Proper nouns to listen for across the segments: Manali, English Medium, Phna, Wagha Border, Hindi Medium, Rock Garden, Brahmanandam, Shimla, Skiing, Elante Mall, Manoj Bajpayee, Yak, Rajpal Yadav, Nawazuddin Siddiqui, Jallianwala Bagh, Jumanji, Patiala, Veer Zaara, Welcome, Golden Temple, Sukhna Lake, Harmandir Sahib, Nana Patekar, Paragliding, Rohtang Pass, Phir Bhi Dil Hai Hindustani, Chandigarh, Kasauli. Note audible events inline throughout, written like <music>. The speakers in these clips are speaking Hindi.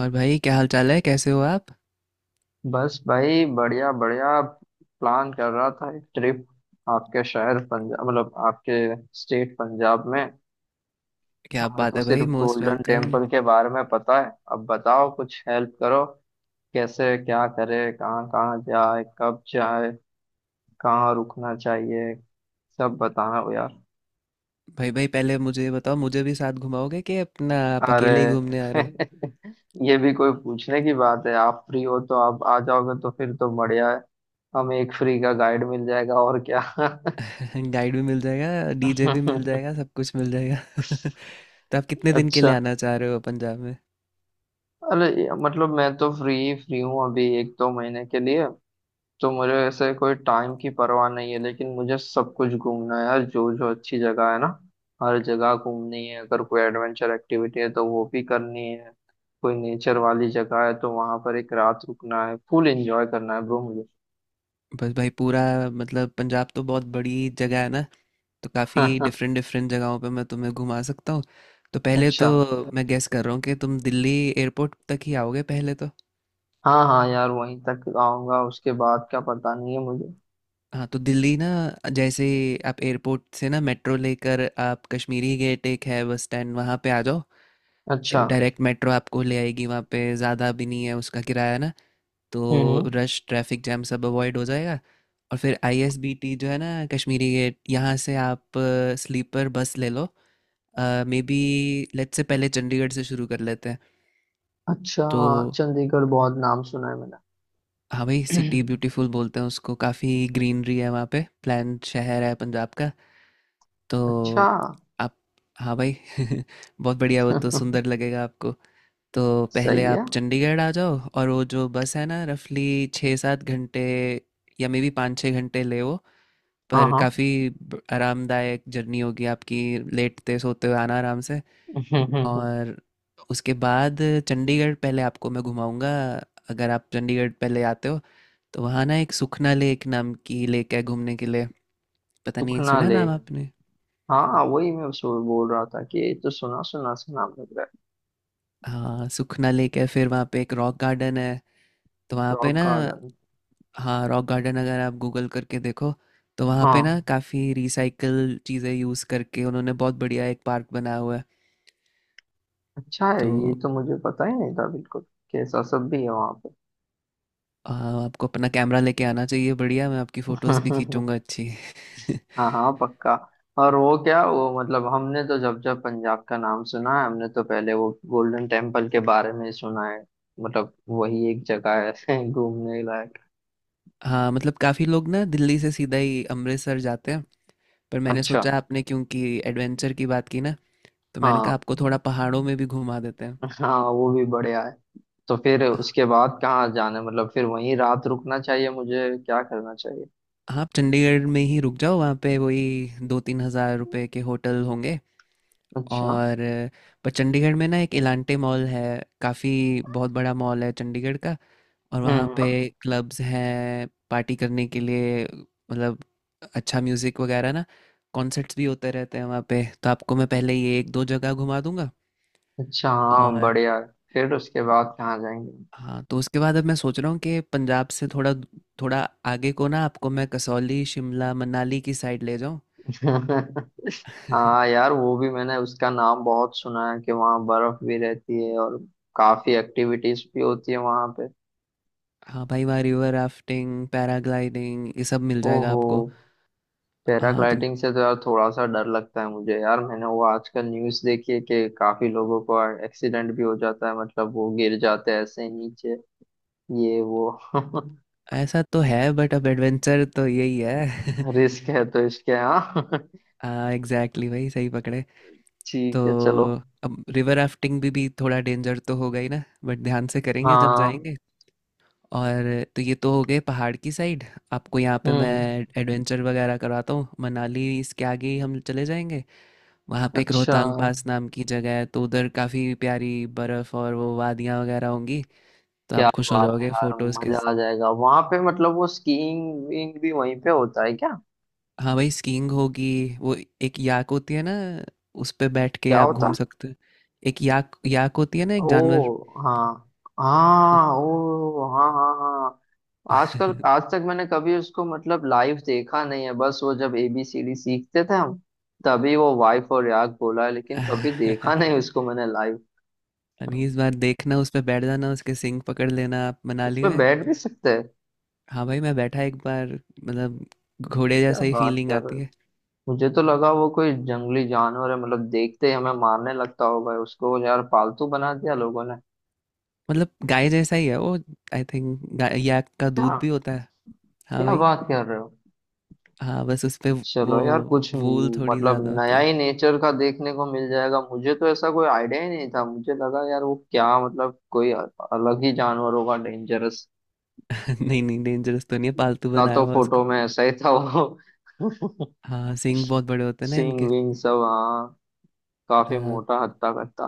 और भाई, क्या हाल चाल है? कैसे हो आप? बस भाई बढ़िया बढ़िया प्लान कर रहा था एक ट्रिप। आपके शहर पंजाब मतलब आपके स्टेट पंजाब में। क्या हमें बात तो है सिर्फ भाई! Most golden welcome. टेम्पल के बारे में पता है, अब बताओ कुछ हेल्प करो। कैसे क्या करे, कहाँ कहाँ जाए, कब जाए, कहाँ रुकना चाहिए, सब बताना हो यार। भाई भाई, पहले मुझे ये बताओ, मुझे भी साथ घुमाओगे कि अपना आप अरे अकेले ही घूमने आ <laughs> रहे ये भी कोई पूछने की बात है। आप फ्री हो तो आप आ जाओगे तो फिर तो बढ़िया है। हमें एक फ्री का गाइड मिल जाएगा और क्या। हो? <laughs> गाइड भी मिल जाएगा, डीजे भी मिल जाएगा, <laughs> सब कुछ मिल जाएगा। <laughs> तो आप कितने दिन के लिए अच्छा। आना चाह रहे हो पंजाब में? अरे मतलब मैं तो फ्री फ्री हूँ अभी एक दो महीने के लिए। तो मुझे ऐसे कोई टाइम की परवाह नहीं है, लेकिन मुझे सब कुछ घूमना है यार, जो जो अच्छी जगह है ना, हर जगह घूमनी है। अगर कोई एडवेंचर एक्टिविटी है तो वो भी करनी है। कोई नेचर वाली जगह है तो वहां पर एक रात रुकना है, फुल एंजॉय करना है ब्रो मुझे। बस भाई पूरा, मतलब पंजाब तो बहुत बड़ी जगह है ना। तो काफ़ी <laughs> डिफरेंट डिफरेंट जगहों पे मैं तुम्हें घुमा सकता हूँ। तो पहले अच्छा। तो मैं गेस कर रहा हूँ कि तुम दिल्ली एयरपोर्ट तक ही आओगे पहले तो। हाँ हाँ यार, वहीं तक आऊंगा, उसके बाद क्या पता नहीं है मुझे। हाँ, तो दिल्ली ना, जैसे आप एयरपोर्ट से ना मेट्रो लेकर आप कश्मीरी गेट एक है बस स्टैंड, वहाँ पे आ जाओ। अच्छा। डायरेक्ट मेट्रो आपको ले आएगी वहाँ पे, ज़्यादा भी नहीं है उसका किराया ना। तो हम्म। रश, ट्रैफिक जैम सब अवॉइड हो जाएगा। और फिर आईएसबीटी जो है ना कश्मीरी गेट, यहाँ से आप स्लीपर बस ले लो। मे बी लेट से, पहले चंडीगढ़ से शुरू कर लेते हैं अच्छा। तो। चंडीगढ़ बहुत नाम सुना है मैंने। हाँ भाई, सिटी <clears throat> ब्यूटीफुल बोलते हैं उसको, काफ़ी ग्रीनरी है वहाँ पे, प्लान शहर है पंजाब का। तो अच्छा। आप, हाँ भाई, <laughs> बहुत बढ़िया, वो तो <laughs> सुंदर लगेगा आपको। तो पहले सही है। आप चंडीगढ़ आ जाओ, और वो जो बस है ना रफली 6-7 घंटे या मे बी 5-6 घंटे ले वो, हाँ पर हाँ। काफ़ी आरामदायक जर्नी होगी आपकी। लेटते सोते हुए आना आराम से। <laughs> और उसके बाद चंडीगढ़ पहले आपको मैं घुमाऊंगा, अगर आप चंडीगढ़ पहले आते हो तो। वहाँ ना एक सुखना लेक नाम की लेक है घूमने के लिए, पता नहीं सुखना सुना है नाम लेक। आपने। हाँ, वही मैं बोल रहा था कि ये तो सुना सुना सा नाम लग रहा हाँ, सुखना लेक है, फिर वहाँ पे एक रॉक गार्डन है, तो है। वहाँ पे रॉक ना, गार्डन। हाँ, रॉक गार्डन अगर आप गूगल करके देखो तो वहाँ पे ना हाँ। काफ़ी रिसाइकल चीज़ें यूज़ करके उन्होंने बहुत बढ़िया एक पार्क बनाया हुआ है अच्छा है, तो। ये तो मुझे पता ही नहीं था बिल्कुल। कैसा सब भी है वहाँ पे। हाँ, आपको अपना कैमरा लेके आना चाहिए, बढ़िया मैं आपकी फ़ोटोज़ भी <laughs> खींचूंगा अच्छी। <laughs> हाँ हाँ पक्का। और वो क्या वो मतलब हमने तो, जब जब पंजाब का नाम सुना है, हमने तो पहले वो गोल्डन टेम्पल के बारे में सुना है। मतलब वही एक जगह है <laughs> घूमने लायक। हाँ, मतलब काफ़ी लोग ना दिल्ली से सीधा ही अमृतसर जाते हैं, पर मैंने अच्छा। सोचा आपने क्योंकि एडवेंचर की बात की ना, तो मैंने कहा हाँ आपको थोड़ा पहाड़ों में भी घुमा देते हैं। हाँ वो भी बढ़िया है। तो फिर उसके बाद कहाँ जाना है, मतलब फिर वहीं रात रुकना चाहिए, मुझे क्या करना चाहिए। हाँ, आप चंडीगढ़ में ही रुक जाओ, वहाँ पे वही 2-3 हज़ार रुपए के होटल होंगे। अच्छा। और पर चंडीगढ़ में ना एक इलांटे मॉल है, काफ़ी बहुत बड़ा मॉल है चंडीगढ़ का। और वहाँ हम्म। पे हम्म। क्लब्स हैं पार्टी करने के लिए, मतलब अच्छा म्यूज़िक वगैरह ना, कॉन्सर्ट्स भी होते रहते हैं वहाँ पे। तो आपको मैं पहले ये एक दो जगह घुमा दूंगा। अच्छा हाँ और बढ़िया है। फिर उसके बाद कहाँ जाएंगे। हाँ, तो उसके बाद अब मैं सोच रहा हूँ कि पंजाब से थोड़ा थोड़ा आगे को ना आपको मैं कसौली, शिमला, मनाली की साइड ले जाऊँ। <laughs> हाँ <laughs> यार, वो भी मैंने उसका नाम बहुत सुना है कि वहाँ बर्फ भी रहती है और काफी एक्टिविटीज भी होती है वहाँ पे। हाँ भाई, वहाँ रिवर राफ्टिंग, पैराग्लाइडिंग, ये सब मिल जाएगा ओहो। आपको। हाँ तो, पैराग्लाइडिंग से तो यार थोड़ा सा डर लगता है मुझे यार, मैंने वो आजकल न्यूज़ देखी है कि काफी लोगों को एक्सीडेंट भी हो जाता है, मतलब वो गिर जाते हैं ऐसे ही नीचे। ये वो <laughs> ऐसा तो है, बट अब एडवेंचर तो यही है। रिस्क है तो इसके हाँ। <laughs> <laughs> हाँ एग्जैक्टली भाई, सही पकड़े। तो ठीक है चलो। अब रिवर राफ्टिंग भी थोड़ा डेंजर तो होगा ही ना, बट ध्यान से करेंगे जब हाँ। जाएंगे। और तो ये तो हो गए पहाड़ की साइड। आपको यहाँ पे मैं हम्म। एडवेंचर वगैरह कराता हूँ। मनाली इसके आगे ही हम चले जाएंगे। वहाँ पे एक अच्छा। रोहतांग पास नाम की जगह है, तो उधर काफ़ी प्यारी बर्फ़ और वो वादियाँ वगैरह होंगी। तो क्या आप खुश हो बात है जाओगे यार, फोटोज़ के। मजा आ जाएगा वहां पे, मतलब वो स्कीइंग विंग भी वहीं पे होता है क्या। हाँ भाई, स्कीइंग होगी। वो एक याक होती है ना, उस पे बैठ के क्या आप होता घूम है। सकते हो। एक याक, याक होती है ना, एक जानवर। ओ। हाँ। हाँ तो- ओ हाँ हाँ हाँ। आजकल आज तक मैंने कभी उसको मतलब लाइव देखा नहीं है, बस वो जब ABCD सीखते थे हम, तभी वो वाइफ और याक बोला है, लेकिन कभी देखा नहीं <laughs> उसको मैंने लाइव। 19 बार देखना, उस पे बैठ जाना, उसके सिंग पकड़ लेना आप उस मनाली पे में। बैठ भी सकते हैं। हाँ भाई मैं बैठा एक बार, मतलब घोड़े क्या जैसा ही बात फीलिंग कर रहे आती हो। है। मुझे तो लगा वो कोई जंगली जानवर है, मतलब देखते ही हमें मारने लगता होगा, उसको यार पालतू बना दिया लोगों ने। मतलब गाय जैसा ही है वो, आई थिंक याक का क्या। दूध भी होता है। हाँ क्या भाई। बात कर रहे हो। हाँ, बस उस पे। वो चलो यार कुछ वूल थोड़ी मतलब ज़्यादा होती नया ही है। नेचर का देखने को मिल जाएगा, मुझे तो ऐसा कोई आइडिया ही नहीं था, मुझे लगा यार वो क्या मतलब कोई अलग ही जानवर होगा डेंजरस। <laughs> नहीं नहीं, डेंजरस तो नहीं है, पालतू ना बनाया तो हुआ उसको। फोटो में ऐसा ही था वो। <laughs> हाँ, सींग बहुत बड़े होते हैं ना सींग इनके। विंग सब हाँ। काफी हाँ मोटा हत्ता कत्ता।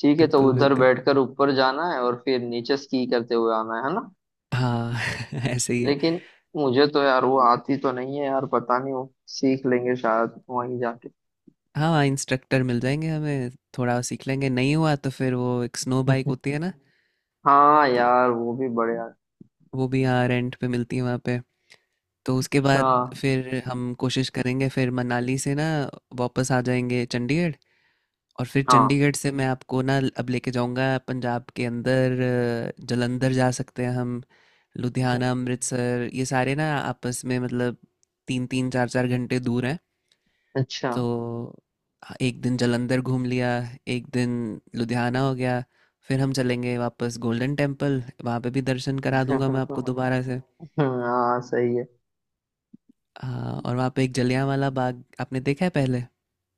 ठीक है, तो बिल्कुल उधर बिल्कुल, बैठकर ऊपर जाना है और फिर नीचे स्की करते हुए आना है ना। हाँ। <laughs> ऐसे ही है। लेकिन मुझे तो यार वो आती तो नहीं है यार, पता नहीं वो सीख लेंगे शायद वहीं जाके। हाँ हाँ, इंस्ट्रक्टर मिल जाएंगे हमें, थोड़ा सीख लेंगे, नहीं हुआ तो फिर वो एक स्नो बाइक होती <laughs> है ना। हाँ तो यार वो भी बढ़िया। वो भी यहाँ रेंट पे मिलती है वहाँ पे। तो उसके अच्छा। बाद फिर हम कोशिश करेंगे, फिर मनाली से ना वापस आ जाएंगे चंडीगढ़। और फिर हाँ। चंडीगढ़ से मैं आपको ना अब लेके जाऊंगा पंजाब के अंदर। जालंधर जा सकते हैं हम। हम्म। लुधियाना, अमृतसर, ये सारे ना आपस में, मतलब तीन तीन चार चार घंटे दूर हैं अच्छा। तो। हाँ, एक दिन जालंधर घूम लिया, एक दिन लुधियाना हो गया, फिर हम चलेंगे वापस गोल्डन टेम्पल, वहाँ पे भी दर्शन करा दूंगा मैं आपको <laughs> दोबारा से। हाँ सही है। हाँ, और वहाँ पे एक जलियांवाला बाग, आपने देखा है पहले?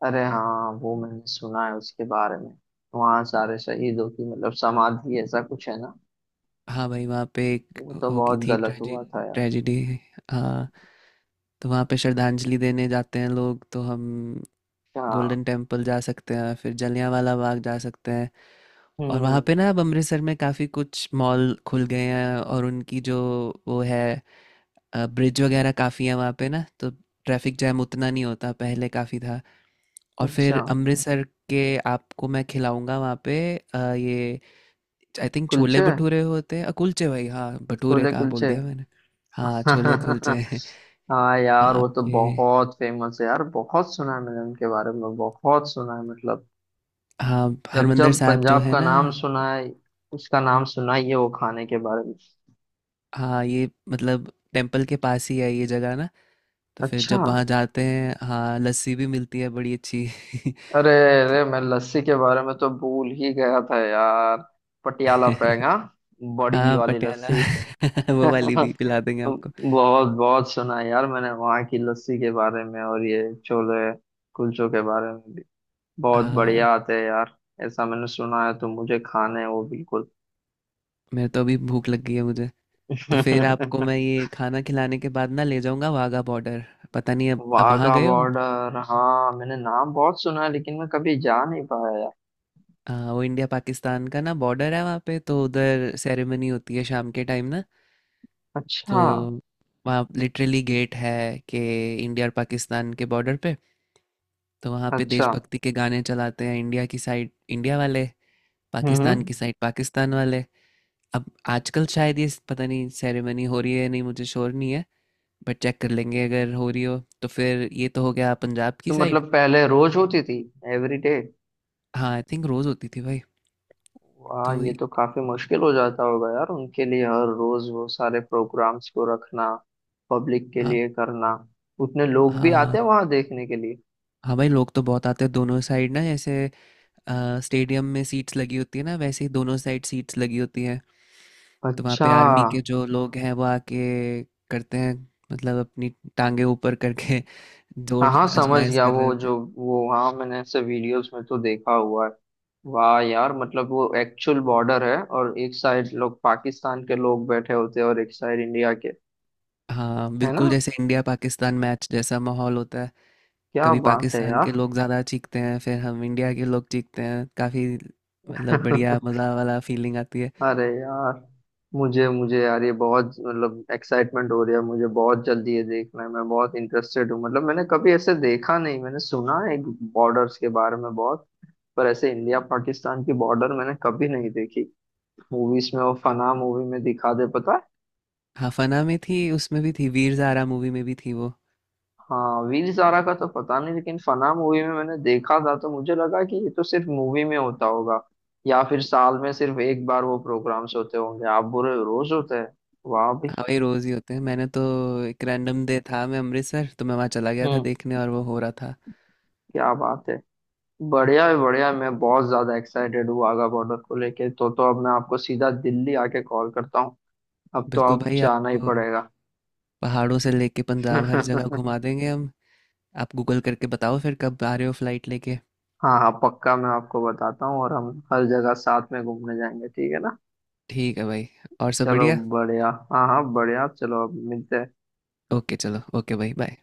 अरे हाँ वो मैंने सुना है उसके बारे में। वहाँ सारे शहीदों की मतलब समाधि ऐसा कुछ है ना। हाँ भाई, वहाँ पे एक वो तो होगी बहुत थी गलत ट्रेजेडी, हुआ था यार। ट्रेजेडी, हाँ। तो वहाँ पे श्रद्धांजलि देने जाते हैं लोग, तो हम अच्छा। गोल्डन टेम्पल जा सकते हैं, फिर जलियांवाला बाग जा सकते हैं। और वहाँ हम्म। पे ना अब अमृतसर में काफ़ी कुछ मॉल खुल गए हैं, और उनकी जो वो है ब्रिज वगैरह काफ़ी है वहाँ पे ना, तो ट्रैफिक जैम उतना नहीं होता, पहले काफ़ी था। और अच्छा। फिर अमृतसर के आपको मैं खिलाऊंगा वहाँ पे, ये आई थिंक छोले कुलचे। भटूरे होते हैं, कुलचे भाई, हाँ, भटूरे छोले कहाँ बोल कुलचे। दिया मैंने। हाँ छोले कुलचे। <laughs> हाँ <laughs> यार वहाँ वो तो पे बहुत फेमस है यार, बहुत सुना है मैंने उनके बारे में, बहुत सुना है मतलब। हाँ, जब हरमंदर जब साहब जो पंजाब है का ना, नाम सुना है, उसका नाम सुना ही है, वो खाने के बारे में। हाँ ये मतलब टेम्पल के पास ही है ये जगह ना। तो फिर अच्छा। जब वहाँ जाते हैं, हाँ, लस्सी भी मिलती है बड़ी अच्छी। अरे। अरे मैं लस्सी के बारे में तो भूल ही गया था यार। पटियाला <laughs> पेंगा। बड़ी हाँ वाली पटियाला, लस्सी। <laughs> <laughs> वो वाली भी पिला देंगे आपको। बहुत बहुत सुना है यार मैंने वहाँ की लस्सी के बारे में और ये छोले कुलचों के बारे में भी। बहुत बढ़िया हाँ, आते हैं यार, ऐसा मैंने सुना है, तो मुझे खाने हैं वो बिल्कुल। मेरे तो अभी भूख लग गई है मुझे। तो फिर आपको मैं <laughs> ये खाना खिलाने के बाद ना ले जाऊंगा वाघा बॉर्डर। पता नहीं अब वहाँ वाघा गए हो। बॉर्डर, हाँ मैंने नाम बहुत सुना है, लेकिन मैं कभी जा नहीं पाया यार। वो इंडिया पाकिस्तान का ना बॉर्डर है वहाँ पे, तो उधर सेरेमनी होती है शाम के टाइम ना। तो अच्छा। वहाँ लिटरली गेट है कि इंडिया और पाकिस्तान के बॉर्डर पे, तो वहाँ पे अच्छा। देशभक्ति के गाने चलाते हैं, इंडिया की साइड इंडिया वाले, पाकिस्तान हम्म। की साइड पाकिस्तान वाले। अब आजकल शायद, ये पता नहीं सेरेमनी हो रही है या नहीं, मुझे श्योर नहीं है, बट चेक कर लेंगे, अगर हो रही हो तो। फिर ये तो हो गया पंजाब की तो साइड। मतलब पहले रोज होती थी। Every day. हाँ आई थिंक रोज़ होती थी भाई। वाह, तो ये तो काफी मुश्किल हो जाता होगा यार उनके लिए हर रोज वो सारे प्रोग्राम्स को रखना, पब्लिक के हाँ लिए करना। उतने लोग भी आते हाँ। हैं वहां देखने के लिए। हाँ भाई, लोग तो बहुत आते हैं दोनों साइड ना। जैसे स्टेडियम में सीट्स लगी होती है ना, वैसे ही दोनों साइड सीट्स लगी होती हैं। तो वहाँ पे अच्छा। आर्मी के जो लोग हैं वो आके करते हैं, मतलब अपनी टांगे ऊपर करके <laughs> हाँ जोर हाँ समझ आजमाइश गया, कर रहे वो होते जो हैं। वो हाँ, मैंने ऐसे वीडियोस में तो देखा हुआ है। वाह यार, मतलब वो एक्चुअल बॉर्डर है और एक साइड लोग पाकिस्तान के लोग बैठे होते हैं और एक साइड इंडिया के। हाँ है ना। बिल्कुल, जैसे इंडिया पाकिस्तान मैच जैसा माहौल होता है। क्या कभी बात है पाकिस्तान के लोग ज़्यादा चीखते हैं, फिर हम इंडिया के लोग चीखते हैं काफ़ी, मतलब बढ़िया यार। <laughs> मज़ा वाला फीलिंग आती है। अरे यार। मुझे मुझे यार ये बहुत मतलब एक्साइटमेंट हो रही है, मुझे बहुत जल्दी ये देखना है, मैं बहुत इंटरेस्टेड हूँ, मतलब मैंने कभी ऐसे देखा नहीं। मैंने सुना है बॉर्डर्स के बारे में बहुत, पर ऐसे इंडिया पाकिस्तान की बॉर्डर मैंने कभी नहीं देखी। मूवीज में वो फना मूवी में दिखा दे पता है। हाँ, फना में थी, उसमें भी थी, वीर ज़ारा मूवी में भी थी वो। हाँ वीर ज़ारा का तो पता नहीं, लेकिन फना मूवी में मैंने देखा था तो मुझे लगा कि ये तो सिर्फ मूवी में होता होगा, या फिर साल में सिर्फ एक बार वो प्रोग्राम्स होते होंगे, आप बुरे रोज होते हैं। वाह भाई। हाँ भाई रोज ही होते हैं, मैंने तो एक रैंडम डे था मैं अमृतसर, तो मैं वहाँ चला गया था हम्म। देखने और वो हो रहा था। क्या बात है। बढ़िया है बढ़िया, मैं बहुत ज्यादा एक्साइटेड हूँ वाघा बॉर्डर को लेके, तो अब मैं आपको सीधा दिल्ली आके कॉल करता हूँ। अब तो बिल्कुल आप भाई, जाना ही आपको पड़ेगा। पहाड़ों से लेके पंजाब हर जगह <laughs> घुमा देंगे हम। आप गूगल करके बताओ फिर कब आ रहे हो फ्लाइट लेके। हाँ हाँ पक्का मैं आपको बताता हूँ, और हम हर जगह साथ में घूमने जाएंगे, ठीक है ना। ठीक है भाई, और सब चलो बढ़िया। बढ़िया, हाँ हाँ बढ़िया, चलो अब मिलते हैं। ओके चलो, ओके भाई, बाय।